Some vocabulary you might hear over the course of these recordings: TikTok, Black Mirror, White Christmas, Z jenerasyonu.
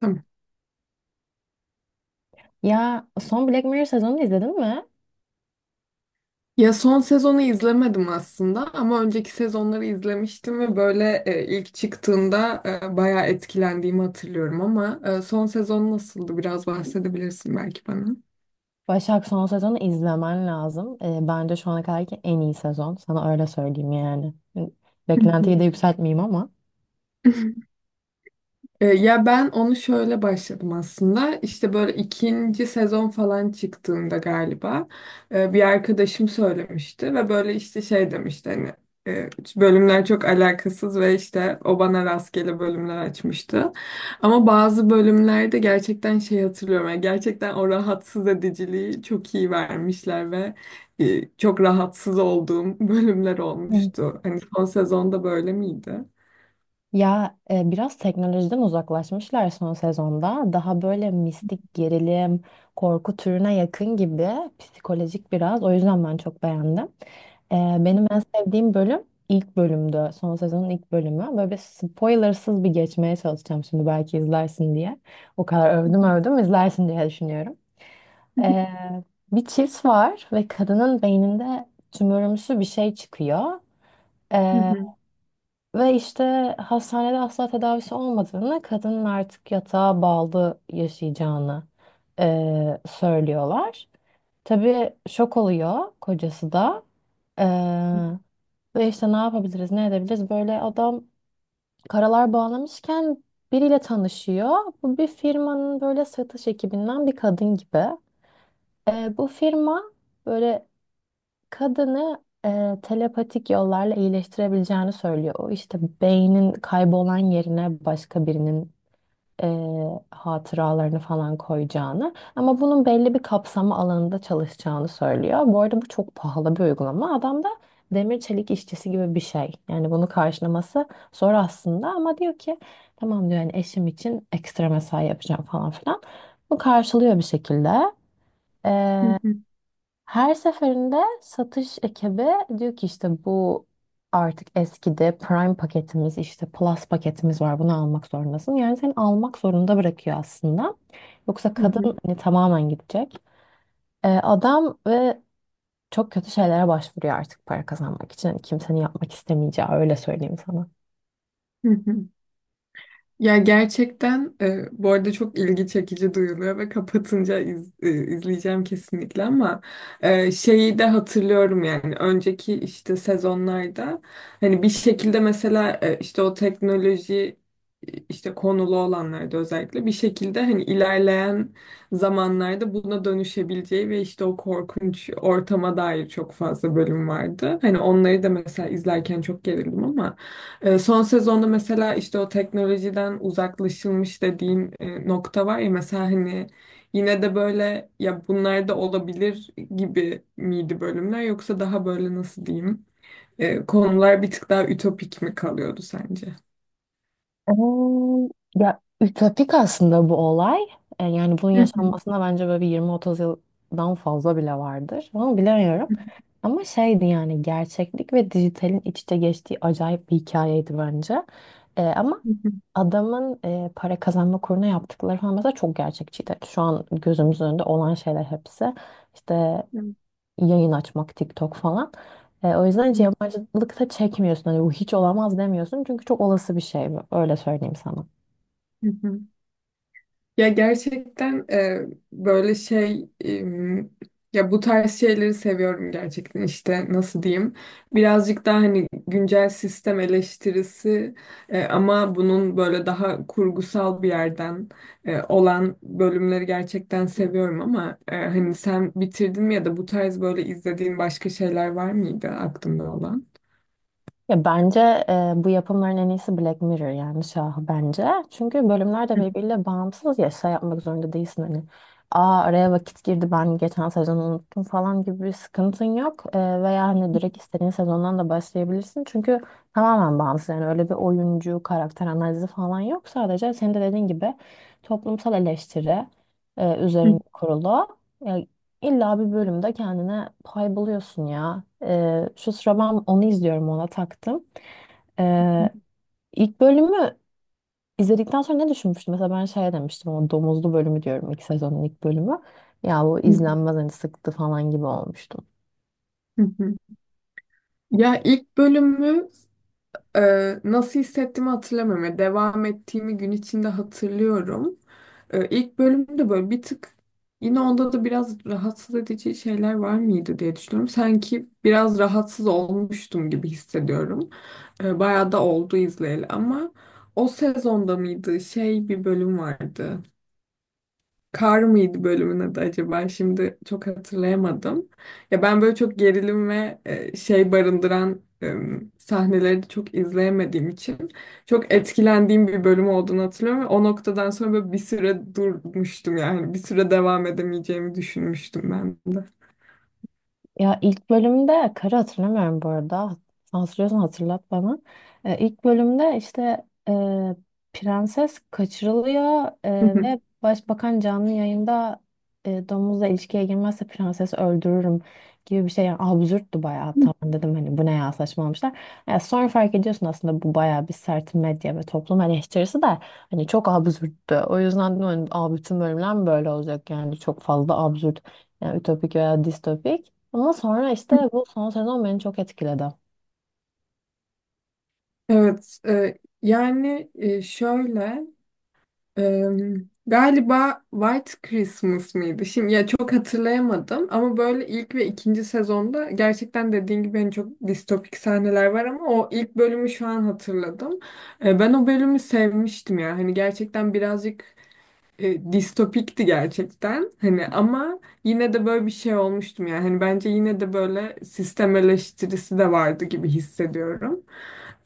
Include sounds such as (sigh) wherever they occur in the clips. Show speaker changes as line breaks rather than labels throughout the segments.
Tamam.
Ya son Black Mirror sezonunu izledin mi?
Ya son sezonu izlemedim aslında ama önceki sezonları izlemiştim ve böyle ilk çıktığında bayağı etkilendiğimi hatırlıyorum ama son sezon nasıldı? Biraz bahsedebilirsin belki bana.
Başak son sezonu izlemen lazım. Bence şu ana kadarki en iyi sezon. Sana öyle söyleyeyim yani. Beklentiyi de yükseltmeyeyim ama.
(laughs) Ya ben onu şöyle başladım aslında. İşte böyle ikinci sezon falan çıktığında galiba bir arkadaşım söylemişti ve böyle işte şey demişti hani e, bölümler çok alakasız ve işte o bana rastgele bölümler açmıştı. Ama bazı bölümlerde gerçekten şey hatırlıyorum. Yani gerçekten o rahatsız ediciliği çok iyi vermişler ve çok rahatsız olduğum (laughs) bölümler
Hı.
olmuştu. Hani son sezonda böyle miydi?
Ya biraz teknolojiden uzaklaşmışlar son sezonda. Daha böyle mistik gerilim, korku türüne yakın gibi psikolojik biraz. O yüzden ben çok beğendim. E, Benim en sevdiğim bölüm ilk bölümdü. Son sezonun ilk bölümü. Böyle bir spoilersız bir geçmeye çalışacağım şimdi belki izlersin diye. O kadar övdüm övdüm izlersin diye düşünüyorum. E, Bir çift var ve kadının beyninde tümörümsü bir şey çıkıyor. Ve işte hastanede asla tedavisi olmadığını, kadının artık yatağa bağlı yaşayacağını söylüyorlar. Tabii şok oluyor kocası da. Eee, Ve işte ne yapabiliriz, ne edebiliriz? Böyle adam karalar bağlamışken biriyle tanışıyor. Bu bir firmanın böyle satış ekibinden bir kadın gibi. Bu firma böyle kadını telepatik yollarla iyileştirebileceğini söylüyor. O işte beynin kaybolan yerine başka birinin e, hatıralarını falan koyacağını ama bunun belli bir kapsama alanında çalışacağını söylüyor. Bu arada bu çok pahalı bir uygulama. Adam da demir çelik işçisi gibi bir şey. Yani bunu karşılaması zor aslında ama diyor ki tamam diyor yani eşim için ekstra mesai yapacağım falan filan. Bu karşılıyor bir şekilde. Her seferinde satış ekibi diyor ki işte bu artık eskidi. Prime paketimiz işte Plus paketimiz var. Bunu almak zorundasın. Yani seni almak zorunda bırakıyor aslında. Yoksa kadın
(laughs)
hani tamamen gidecek. Adam ve çok kötü şeylere başvuruyor artık para kazanmak için. Hani kimsenin yapmak istemeyeceği öyle söyleyeyim sana.
Hı hı. Ya gerçekten bu arada çok ilgi çekici duyuluyor ve kapatınca izleyeceğim kesinlikle ama şeyi de hatırlıyorum yani önceki işte sezonlarda hani bir şekilde mesela işte o teknoloji işte konulu olanlarda özellikle bir şekilde hani ilerleyen zamanlarda buna dönüşebileceği ve işte o korkunç ortama dair çok fazla bölüm vardı. Hani onları da mesela izlerken çok gerildim ama son sezonda mesela işte o teknolojiden uzaklaşılmış dediğim nokta var ya mesela hani yine de böyle ya bunlar da olabilir gibi miydi bölümler yoksa daha böyle nasıl diyeyim konular bir tık daha ütopik mi kalıyordu sence?
Eee, Ya ütopik aslında bu olay. Yani bunun yaşanmasına bence böyle bir 20-30 yıldan fazla bile vardır. Onu bilemiyorum. Ama şeydi yani gerçeklik ve dijitalin iç içe geçtiği acayip bir hikayeydi bence. Ama adamın para kazanma kuruna yaptıkları falan mesela çok gerçekçiydi. Şu an gözümüzün önünde olan şeyler hepsi. İşte yayın açmak TikTok falan. O yüzden hiç yabancılık da çekmiyorsun. Hani bu hiç olamaz demiyorsun. Çünkü çok olası bir şey bu. Öyle söyleyeyim sana.
(laughs) Ya gerçekten böyle şey ya bu tarz şeyleri seviyorum gerçekten işte nasıl diyeyim birazcık daha hani güncel sistem eleştirisi ama bunun böyle daha kurgusal bir yerden olan bölümleri gerçekten seviyorum ama hani sen bitirdin mi ya da bu tarz böyle izlediğin başka şeyler var mıydı aklında olan?
Ya bence bu yapımların en iyisi Black Mirror yani şahı bence. Çünkü bölümler de birbiriyle bağımsız ya şey yapmak zorunda değilsin hani. Aa araya vakit girdi ben geçen sezonu unuttum falan gibi bir sıkıntın yok. Veya hani direkt istediğin sezondan da başlayabilirsin. Çünkü tamamen bağımsız yani öyle bir oyuncu karakter analizi falan yok. Sadece senin de dediğin gibi toplumsal eleştiri üzerine kurulu. İlla bir bölümde kendine pay buluyorsun ya. Şu sıra ben onu izliyorum ona taktım. Ee, ilk bölümü izledikten sonra ne düşünmüştüm? Mesela ben şey demiştim o domuzlu bölümü diyorum ilk sezonun ilk bölümü. Ya bu izlenmez hani sıktı falan gibi olmuştum.
(laughs) Ya ilk bölümü nasıl hissettiğimi hatırlamıyorum. Yani devam ettiğimi gün içinde hatırlıyorum. İlk bölümde böyle bir tık yine onda da biraz rahatsız edici şeyler var mıydı diye düşünüyorum. Sanki biraz rahatsız olmuştum gibi hissediyorum. Bayağı da oldu izleyeli ama o sezonda mıydı? Şey bir bölüm vardı. Kar mıydı bölümün adı acaba? Şimdi çok hatırlayamadım. Ya ben böyle çok gerilim ve şey barındıran sahneleri de çok izleyemediğim için çok etkilendiğim bir bölüm olduğunu hatırlıyorum ve o noktadan sonra böyle bir süre durmuştum yani bir süre devam edemeyeceğimi düşünmüştüm ben de.
Ya ilk bölümde karı hatırlamıyorum bu arada. Hatırlıyorsan hatırlat bana. İlk bölümde işte prenses kaçırılıyor ve
(laughs)
başbakan canlı yayında domuzla ilişkiye girmezse prensesi öldürürüm gibi bir şey. Yani absürttü bayağı. Tamam dedim hani bu ne ya saçmalamışlar. Ya sonra fark ediyorsun aslında bu bayağı bir sert medya ve toplum eleştirisi de hani çok absürttü. O yüzden dedim hani, "Aa, bütün bölümler mi böyle olacak yani çok fazla absürt yani ütopik veya distopik. Ama sonra işte bu son sezon beni çok etkiledi.
Evet, yani şöyle Eee, galiba White Christmas mıydı? Şimdi ya çok hatırlayamadım ama böyle ilk ve ikinci sezonda gerçekten dediğin gibi hani çok distopik sahneler var ama o ilk bölümü şu an hatırladım. Ben o bölümü sevmiştim ya. Hani gerçekten birazcık distopikti gerçekten. Hani ama yine de böyle bir şey olmuştum yani. Hani bence yine de böyle sistem eleştirisi de vardı gibi hissediyorum.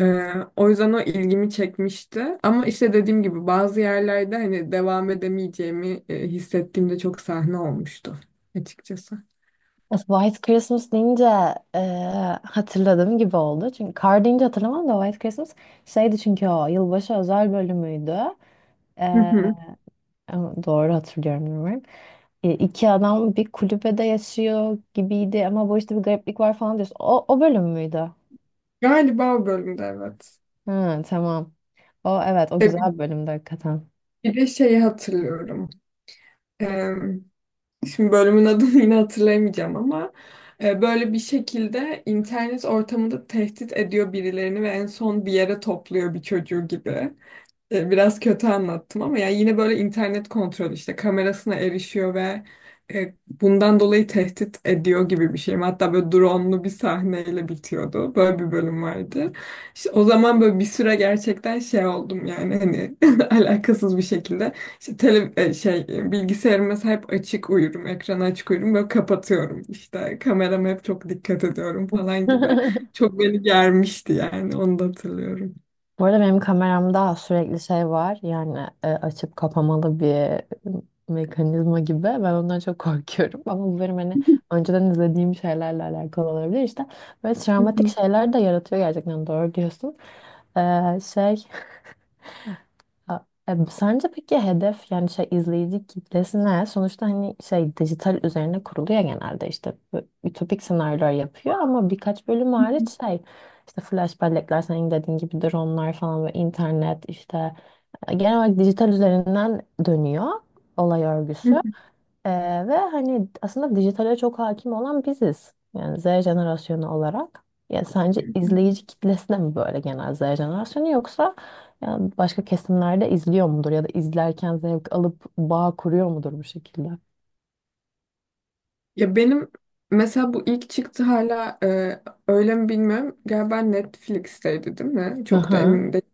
O yüzden o ilgimi çekmişti. Ama işte dediğim gibi bazı yerlerde hani devam edemeyeceğimi hissettiğimde çok sahne olmuştu açıkçası.
White Christmas deyince e, hatırladığım gibi oldu. Çünkü Kar deyince hatırlamam da White Christmas şeydi çünkü o yılbaşı özel bölümüydü.
Hı
E,
hı.
Ama doğru hatırlıyorum bilmiyorum. İki adam bir kulübede yaşıyor gibiydi ama bu işte bir gariplik var falan diyorsun. O, o bölüm müydü?
Galiba o bölümde evet.
Ha, tamam. O evet o
E, bir
güzel bir bölümdü hakikaten.
bir de şeyi hatırlıyorum. Şimdi bölümün adını yine hatırlayamayacağım ama böyle bir şekilde internet ortamında tehdit ediyor birilerini ve en son bir yere topluyor bir çocuğu gibi. Biraz kötü anlattım ama yani yine böyle internet kontrolü işte kamerasına erişiyor ve bundan dolayı tehdit ediyor gibi bir şey. Hatta böyle drone'lu bir sahneyle bitiyordu. Böyle bir bölüm vardı. İşte o zaman böyle bir süre gerçekten şey oldum yani hani (laughs) alakasız bir şekilde işte tele, e, şey e, bilgisayarıma hep açık uyurum, ekranı açık uyurum böyle kapatıyorum. İşte kamerama hep çok dikkat ediyorum falan gibi.
(laughs)
Çok beni germişti yani onu da hatırlıyorum.
Bu arada benim kameramda sürekli şey var. Yani açıp kapamalı bir mekanizma gibi. Ben ondan çok korkuyorum. (laughs) Ama bu benim hani önceden izlediğim şeylerle alakalı olabilir. İşte böyle travmatik şeyler de yaratıyor gerçekten. Doğru diyorsun. Ee, şey Sence peki hedef yani şey izleyici kitlesi ne? Sonuçta hani şey dijital üzerine kuruluyor genelde işte bu ütopik senaryolar yapıyor ama birkaç bölüm hariç şey işte flash bellekler senin dediğin gibi dronlar falan ve internet işte genel olarak dijital üzerinden dönüyor olay örgüsü.
(laughs)
Ee, Ve hani aslında dijitale çok hakim olan biziz. Yani Z jenerasyonu olarak. Ya sence izleyici kitlesi de mi böyle genel Z jenerasyonu yoksa yani başka kesimlerde izliyor mudur ya da izlerken zevk alıp bağ kuruyor mudur bu şekilde?
Ya benim mesela bu ilk çıktı hala öyle mi bilmiyorum. Galiba Netflix'teydi değil mi?
Hı
Çok da
hı.
emin değilim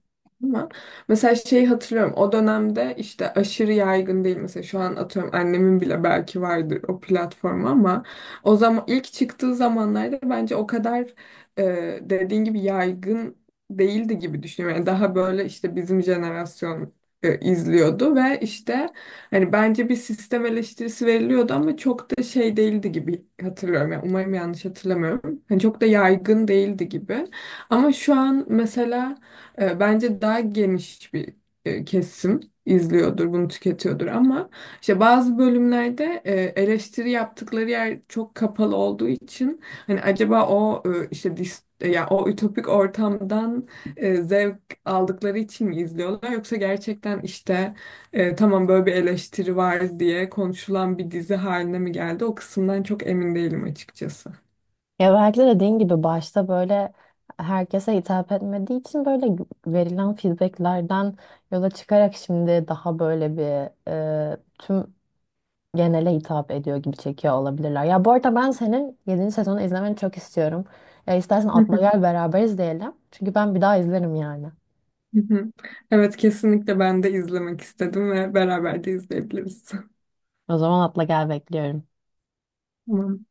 ama. Mesela şeyi hatırlıyorum. O dönemde işte aşırı yaygın değil. Mesela şu an atıyorum annemin bile belki vardır o platform ama o zaman ilk çıktığı zamanlarda bence o kadar dediğin gibi yaygın değildi gibi düşünüyorum. Yani daha böyle işte bizim jenerasyon izliyordu ve işte hani bence bir sistem eleştirisi veriliyordu ama çok da şey değildi gibi hatırlıyorum. Yani umarım yanlış hatırlamıyorum. Hani çok da yaygın değildi gibi. Ama şu an mesela bence daha geniş bir kesim izliyordur, bunu tüketiyordur ama işte bazı bölümlerde eleştiri yaptıkları yer çok kapalı olduğu için hani acaba o işte ya o ütopik ortamdan zevk aldıkları için mi izliyorlar yoksa gerçekten işte tamam böyle bir eleştiri var diye konuşulan bir dizi haline mi geldi? O kısımdan çok emin değilim açıkçası.
Ya belki de dediğin gibi başta böyle herkese hitap etmediği için böyle verilen feedbacklerden yola çıkarak şimdi daha böyle bir tüm genele hitap ediyor gibi çekiyor olabilirler. Ya bu arada ben senin 7. sezonu izlemeni çok istiyorum. Ya istersen
Hı
atla
hı,
gel beraber izleyelim. Çünkü ben bir daha izlerim yani.
hı hı. Evet kesinlikle ben de izlemek istedim ve beraber de izleyebiliriz. (laughs)
O zaman atla gel bekliyorum.
Tamam.